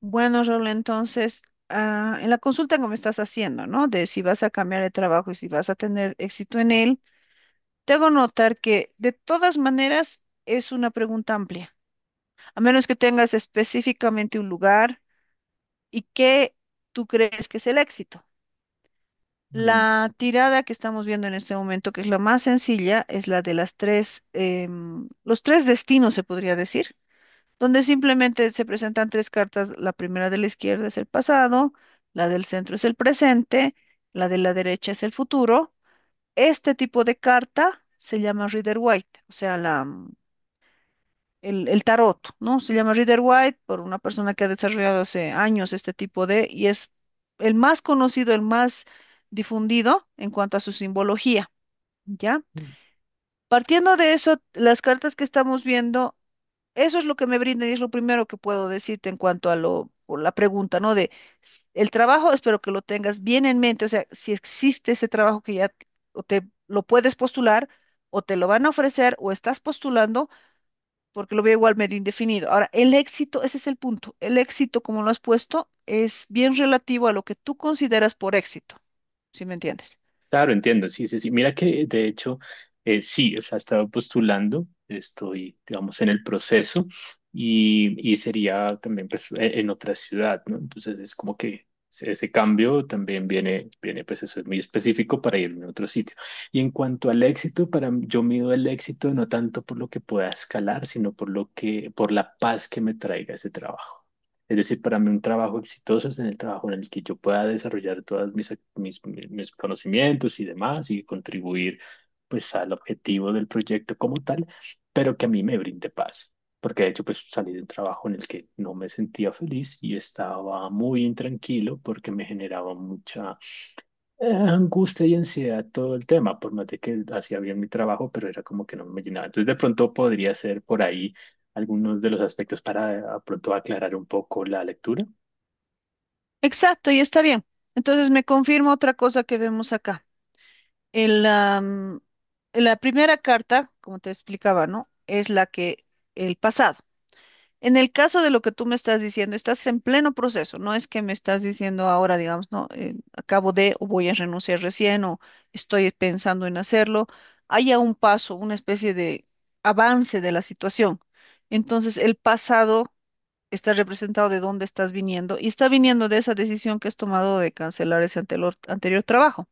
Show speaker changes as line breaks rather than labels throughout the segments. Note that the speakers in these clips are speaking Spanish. Bueno, Raúl, entonces, en la consulta que me estás haciendo, ¿no? De si vas a cambiar de trabajo y si vas a tener éxito en él, te hago notar que de todas maneras es una pregunta amplia, a menos que tengas específicamente un lugar y qué tú crees que es el éxito.
Mm,
La tirada que estamos viendo en este momento, que es la más sencilla, es la de las tres, los tres destinos, se podría decir donde simplemente se presentan tres cartas. La primera de la izquierda es el pasado, la del centro es el presente, la de la derecha es el futuro. Este tipo de carta se llama Rider White, o sea, el tarot, ¿no? Se llama Rider White por una persona que ha desarrollado hace años este tipo de, y es el más conocido, el más difundido en cuanto a su simbología, ¿ya? Partiendo de eso, las cartas que estamos viendo eso es lo que me brinda y es lo primero que puedo decirte en cuanto a o la pregunta, ¿no? De el trabajo, espero que lo tengas bien en mente, o sea, si existe ese trabajo que ya o te lo puedes postular o te lo van a ofrecer o estás postulando, porque lo veo igual medio indefinido. Ahora, el éxito, ese es el punto. El éxito, como lo has puesto, es bien relativo a lo que tú consideras por éxito, ¿si me entiendes?
claro, entiendo, sí, sí, sí. Mira que de hecho, sí, o sea, estaba postulando, estoy, digamos, en el proceso y sería también pues, en otra ciudad, ¿no? Entonces es como que ese cambio también viene, viene, pues eso es muy específico para irme a otro sitio. Y en cuanto al éxito, para yo mido el éxito no tanto por lo que pueda escalar, sino por lo que, por la paz que me traiga ese trabajo. Es decir, para mí un trabajo exitoso es en el trabajo en el que yo pueda desarrollar todos mis, ac- mis, mi- mis conocimientos y demás y contribuir pues al objetivo del proyecto como tal, pero que a mí me brinde paz. Porque de hecho pues salí de un trabajo en el que no me sentía feliz y estaba muy intranquilo porque me generaba mucha angustia y ansiedad todo el tema, por más de que hacía bien mi trabajo, pero era como que no me llenaba. Entonces, de pronto podría ser por ahí algunos de los aspectos para de pronto aclarar un poco la lectura.
Exacto, y está bien. Entonces me confirma otra cosa que vemos acá. El, am, la primera carta, como te explicaba, ¿no? Es la que el pasado. En el caso de lo que tú me estás diciendo, estás en pleno proceso, no es que me estás diciendo ahora, digamos, no, acabo de o voy a renunciar recién o estoy pensando en hacerlo. Hay a un paso, una especie de avance de la situación. Entonces, el pasado está representado de dónde estás viniendo y está viniendo de esa decisión que has tomado de cancelar ese anterior, anterior trabajo.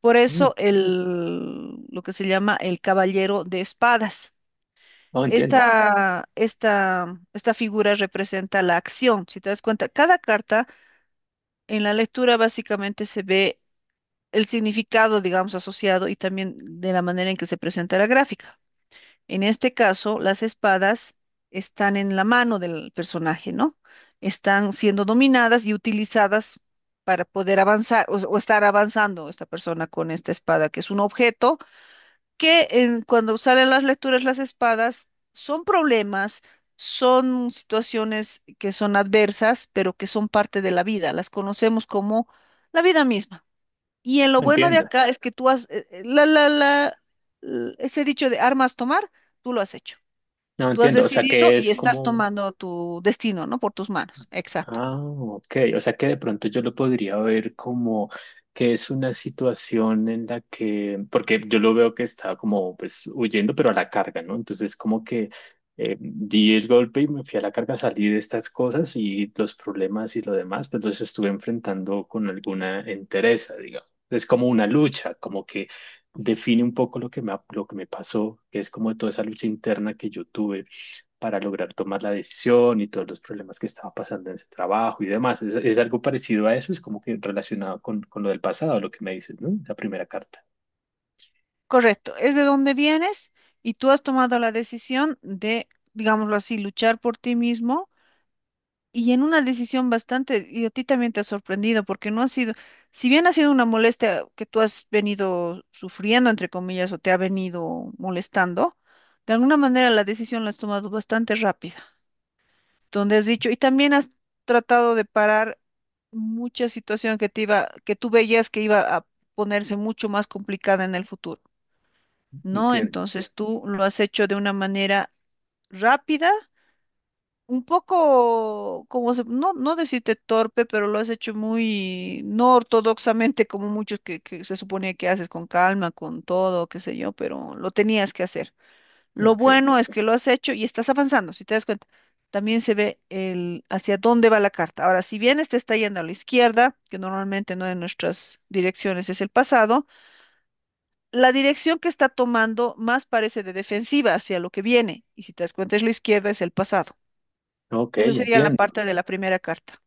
Por
Mm,
eso el, lo que se llama el caballero de espadas.
no entiendo,
Esta figura representa la acción. Si te das cuenta, cada carta en la lectura básicamente se ve el significado, digamos, asociado y también de la manera en que se presenta la gráfica. En este caso, las espadas están en la mano del personaje, ¿no? Están siendo dominadas y utilizadas para poder avanzar o estar avanzando esta persona con esta espada, que es un objeto que cuando salen las lecturas, las espadas, son problemas, son situaciones que son adversas, pero que son parte de la vida, las conocemos como la vida misma. Y en lo
no
bueno de
entiendo,
acá es que tú has ese dicho de armas tomar, tú lo has hecho.
no
Tú has
entiendo. O sea,
decidido
¿que
y
es
estás
como?
tomando tu destino, ¿no? Por tus manos. Exacto.
Ah, ok. O sea que de pronto yo lo podría ver como que es una situación en la que, porque yo lo veo que está como pues huyendo, pero a la carga, ¿no? Entonces como que di el golpe y me fui a la carga, salí de estas cosas y los problemas y lo demás, pues los estuve enfrentando con alguna entereza, digamos. Es como una lucha, como que define un poco lo que lo que me pasó, que es como toda esa lucha interna que yo tuve para lograr tomar la decisión y todos los problemas que estaba pasando en ese trabajo y demás. Es algo parecido a eso? Es como que relacionado con lo del pasado, lo que me dices, ¿no? La primera carta.
Correcto. Es de donde vienes y tú has tomado la decisión de, digámoslo así, luchar por ti mismo. Y en una decisión bastante, y a ti también te ha sorprendido, porque no ha sido, si bien ha sido una molestia que tú has venido sufriendo, entre comillas, o te ha venido molestando, de alguna manera la decisión la has tomado bastante rápida, donde has dicho, y también has tratado de parar mucha situación que te iba, que tú veías que iba a ponerse mucho más complicada en el futuro, ¿no?
Entiendo.
Entonces tú lo has hecho de una manera rápida un poco, como se, no, no decirte torpe, pero lo has hecho muy no ortodoxamente, como muchos que se suponía que haces con calma, con todo, qué sé yo, pero lo tenías que hacer. Lo
Ok.
bueno es que lo has hecho y estás avanzando, si te das cuenta. También se ve el hacia dónde va la carta. Ahora, si bien este está yendo a la izquierda, que normalmente no de nuestras direcciones es el pasado, la dirección que está tomando más parece de defensiva hacia lo que viene. Y si te das cuenta es la izquierda, es el pasado.
Ok,
Esa sería la
entiendo.
parte de la primera carta.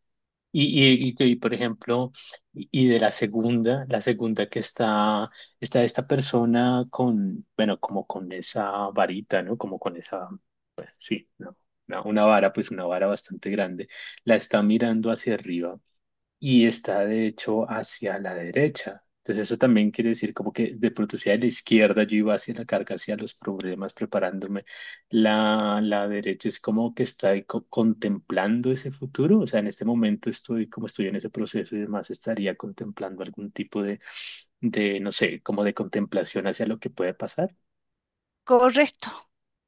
Por ejemplo, y de la segunda que está, está esta persona con, bueno, como con esa varita, ¿no? Como con esa, pues sí, ¿no? Una vara, pues una vara bastante grande, la está mirando hacia arriba y está de hecho hacia la derecha. Entonces eso también quiere decir como que de pronto hacia la izquierda yo iba hacia la carga, hacia los problemas, preparándome. La derecha es como que está ahí contemplando ese futuro. O sea, en este momento estoy, como estoy en ese proceso y demás, estaría contemplando algún tipo de, no sé, como de contemplación hacia lo que puede pasar.
Correcto,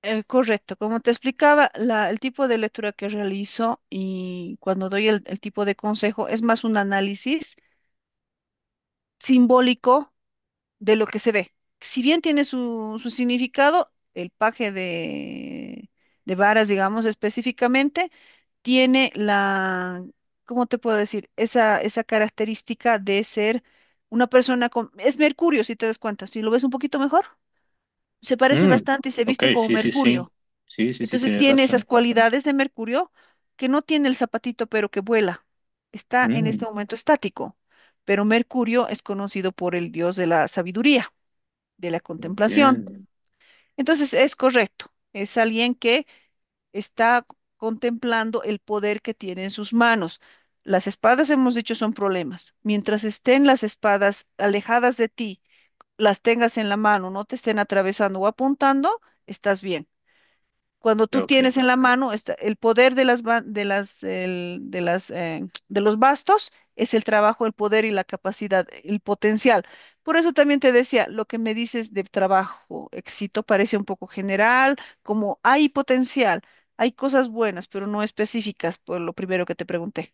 correcto. Como te explicaba, la- el tipo de lectura que realizo y cuando doy el tipo de consejo es más un análisis simbólico de lo que se ve. Si bien tiene su significado, el paje de varas, digamos específicamente, tiene ¿cómo te puedo decir? Esa característica de ser una persona con... Es Mercurio, si te das cuenta, si lo ves un poquito mejor. Se parece
Mm,
bastante y se
ok,
viste como
sí, sí, sí.
Mercurio.
Sí, sí, sí,
Entonces
tienes
tiene esas
razón.
cualidades de Mercurio que no tiene el zapatito, pero que vuela. Está en este
Mm,
momento estático, pero Mercurio es conocido por el dios de la sabiduría, de la contemplación.
entiendo.
Entonces es correcto, es alguien que está contemplando el poder que tiene en sus manos. Las espadas, hemos dicho, son problemas. Mientras estén las espadas alejadas de ti, las tengas en la mano, no te estén atravesando o apuntando, estás bien. Cuando tú
Ok.
tienes en la mano esta- el poder de las, de los bastos, es el trabajo, el poder y la capacidad, el potencial. Por eso también te decía, lo que me dices de trabajo, éxito, parece un poco general, como hay potencial, hay cosas buenas, pero no específicas, por lo primero que te pregunté.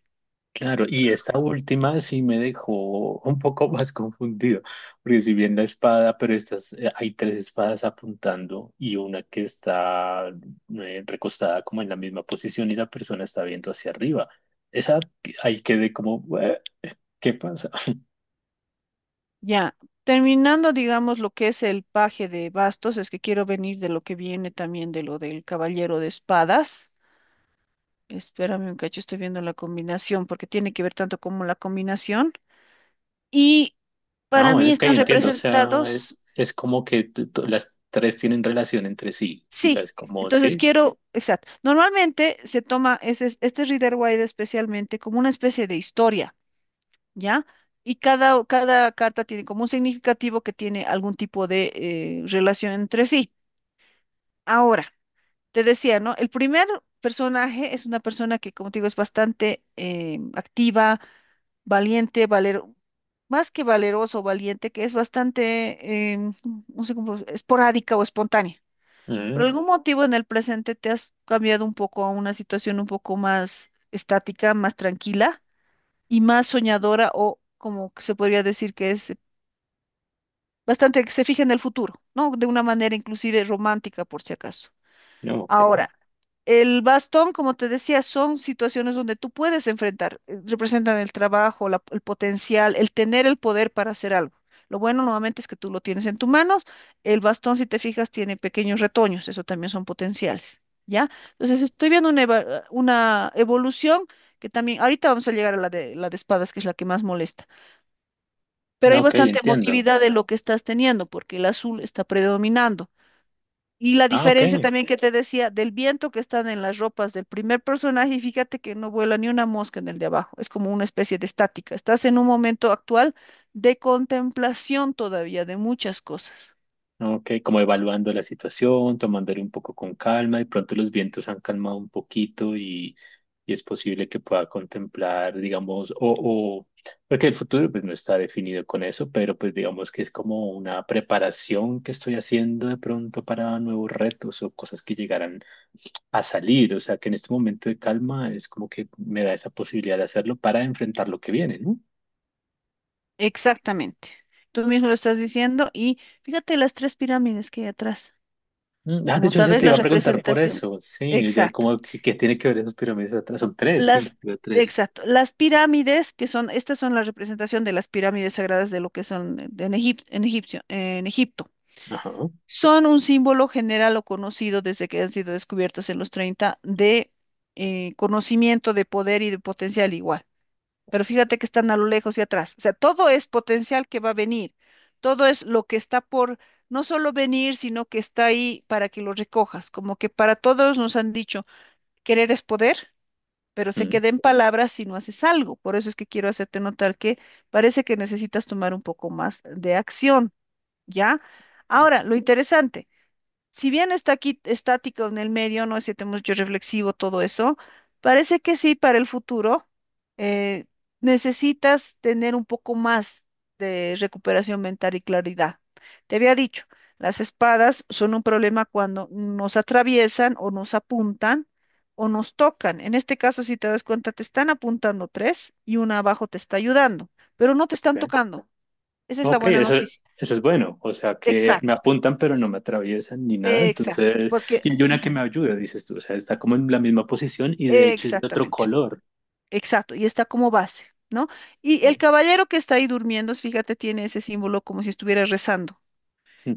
Claro, y esta última sí me dejó un poco más confundido, porque si bien la espada, pero estas, hay tres espadas apuntando y una que está recostada como en la misma posición y la persona está viendo hacia arriba. Esa ahí quedé como, "Ué, ¿qué pasa?"
Ya, terminando, digamos, lo que es el paje de bastos, es que quiero venir de lo que viene también de lo del caballero de espadas. Espérame un cacho, estoy viendo la combinación, porque tiene que ver tanto como la combinación. Y para
No,
mí
ok,
están
entiendo, o sea, es,
representados,
es como que las tres tienen relación entre sí, o sea,
sí.
es como,
Entonces
sí,
quiero, exacto. Normalmente se toma este Rider Waite especialmente como una especie de historia, ¿ya? Y cada carta tiene como un significativo que tiene algún tipo de relación entre sí. Ahora, te decía, ¿no? El primer personaje es una persona que, como te digo, es bastante activa, valiente, más que valeroso o valiente, que es bastante, no sé cómo, esporádica o espontánea. Por
mm,
algún motivo en el presente te has cambiado un poco a una situación un poco más estática, más tranquila y más soñadora o como que se podría decir que es bastante que se fija en el futuro, ¿no? De una manera inclusive romántica, por si acaso.
no, ok,
Ahora, el bastón, como te decía, son situaciones donde tú puedes enfrentar, representan el trabajo, el potencial, el tener el poder para hacer algo. Lo bueno nuevamente es que tú lo tienes en tus manos. El bastón, si te fijas, tiene pequeños retoños, eso también son potenciales, ¿ya? Entonces, estoy viendo una evolución que también, ahorita vamos a llegar a la de espadas, que es la que más molesta, pero
no,
hay
ok,
bastante
entiendo,
emotividad de lo que estás teniendo, porque el azul está predominando. Y la
ah, ok.
diferencia también que te decía del viento que están en las ropas del primer personaje, y fíjate que no vuela ni una mosca en el de abajo, es como una especie de estática. Estás en un momento actual de contemplación todavía de muchas cosas.
¿No? Ok, como evaluando la situación, tomándole un poco con calma, de pronto los vientos han calmado un poquito y es posible que pueda contemplar, digamos, o, porque el futuro pues no está definido con eso, pero pues digamos que es como una preparación que estoy haciendo de pronto para nuevos retos o cosas que llegarán a salir, o sea que en este momento de calma es como que me da esa posibilidad de hacerlo para enfrentar lo que viene, ¿no?
Exactamente. Tú mismo lo estás diciendo y fíjate las tres pirámides que hay atrás.
Mm, ah, de
Como
hecho, se
sabes,
te
la
iba a preguntar por
representación.
eso. Sí, ya
Exacto.
como que tiene que ver esas pirámides atrás. Son tres, sí,
Las,
veo tres.
exacto. Las pirámides, que son, estas son la representación de las pirámides sagradas de lo que son en en Egipto.
Ajá.
Son un símbolo general o conocido desde que han sido descubiertos en los 30 de conocimiento, de poder y de potencial igual. Pero fíjate que están a lo lejos y atrás. O sea, todo es potencial que va a venir. Todo es lo que está por no solo venir, sino que está ahí para que lo recojas. Como que para todos nos han dicho, querer es poder, pero se
Mm,
queda en palabras si no haces algo. Por eso es que quiero hacerte notar que parece que necesitas tomar un poco más de acción, ¿ya? Ahora, lo interesante si bien está aquí estático en el medio, no es siete mucho reflexivo todo eso, parece que sí, para el futuro eh, necesitas tener un poco más de recuperación mental y claridad. Te había dicho, las espadas son un problema cuando nos atraviesan o nos apuntan o nos tocan. En este caso, si te das cuenta, te están apuntando tres y una abajo te está ayudando, pero no te están
ok,
tocando. Esa es la
ok,
buena
eso,
noticia.
eso es bueno. O sea, que me
Exacto,
apuntan, pero no me atraviesan ni nada.
exacto,
Entonces,
porque...
y hay una que
ujú.
me ayuda, dices tú. O sea, está como en la misma posición y de hecho es de otro
Exactamente,
color.
exacto, y está como base, ¿no? Y el caballero que está ahí durmiendo, fíjate, tiene ese símbolo como si estuviera rezando.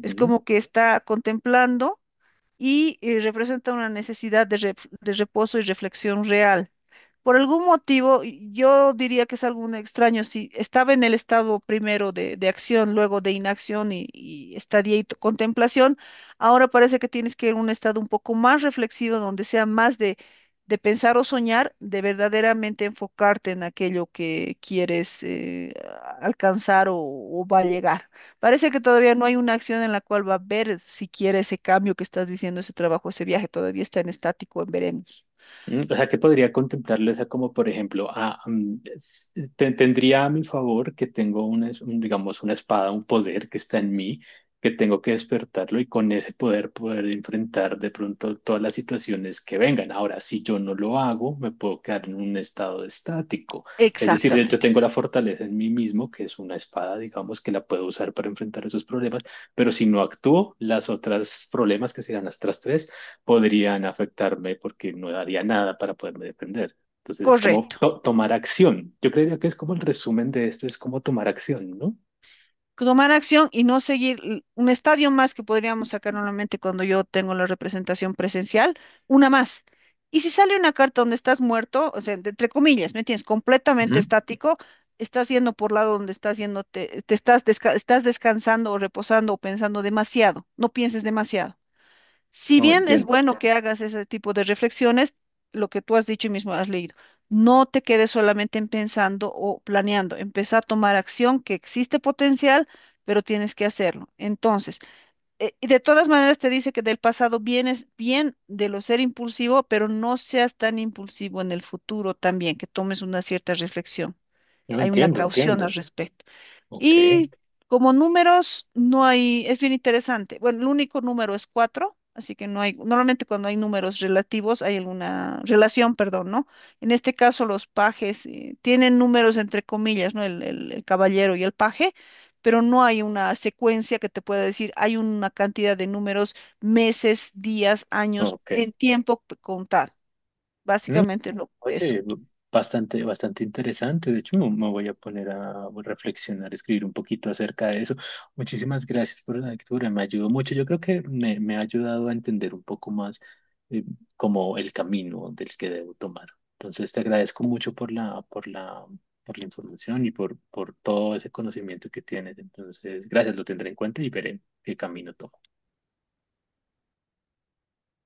Es como que está contemplando y representa una necesidad de, de reposo y reflexión real. Por algún motivo, yo diría que es algo extraño. Si estaba en el estado primero de acción, luego de inacción y estadía y contemplación, ahora parece que tienes que ir a un estado un poco más reflexivo, donde sea más de pensar o soñar, de verdaderamente enfocarte en aquello que quieres alcanzar o va a llegar. Parece que todavía no hay una acción en la cual va a ver si quiere ese cambio que estás diciendo, ese trabajo, ese viaje, todavía está en estático, en veremos.
Mm, o sea, que podría contemplarlo esa como, por ejemplo, ah, mm, tendría a mi favor que tengo una, un, digamos, una espada, un poder que está en mí, que tengo que despertarlo y con ese poder poder enfrentar de pronto todas las situaciones que vengan. Ahora, si yo no lo hago, me puedo quedar en un estado estático. Es decir, yo
Exactamente.
tengo la fortaleza en mí mismo, que es una espada, digamos, que la puedo usar para enfrentar esos problemas, pero si no actúo, las otras problemas, que serán las otras tres, podrían afectarme porque no daría nada para poderme defender. Entonces es como
Correcto.
tomar acción. Yo creería que es como el resumen de esto, es como tomar acción, ¿no?
Tomar acción y no seguir l- un estadio más que podríamos sacar normalmente cuando yo tengo la representación presencial, una más. Y si sale una carta donde estás muerto, o sea, de- entre comillas, ¿me entiendes? Completamente
Ujú.
estático, estás yendo por lado donde estás yendo, te estás, estás descansando o reposando o pensando demasiado, no pienses demasiado. Si
No,
bien es
entiendo.
bueno que hagas ese tipo de reflexiones, lo que tú has dicho y mismo has leído, no te quedes solamente en pensando o planeando, empieza a tomar acción que existe potencial, pero tienes que hacerlo. Entonces, y de todas maneras te dice que del pasado vienes bien de lo ser impulsivo, pero no seas tan impulsivo en el futuro también, que tomes una cierta reflexión.
No,
Hay una Wow.
entiendo,
caución al
entiendo.
respecto.
Ok,
Y como números, no hay, es bien interesante. Bueno, el único número es cuatro, así que no hay, normalmente cuando hay números relativos hay alguna relación, perdón, ¿no? En este caso, los pajes tienen números entre comillas, ¿no? El, el caballero y el paje, pero no hay una secuencia que te pueda decir, hay una cantidad de números, meses, días, años,
ok.
en tiempo contar.
Mm,
Básicamente es lo eso.
oye, bastante, bastante interesante. De hecho, me voy a poner a reflexionar, escribir un poquito acerca de eso. Muchísimas gracias por la lectura, me ayudó mucho. Yo creo que me ha ayudado a entender un poco más eh, como el camino del que debo tomar. Entonces, te agradezco mucho por la, por la, por la información y por todo ese conocimiento que tienes. Entonces, gracias, lo tendré en cuenta y veré qué camino tomo.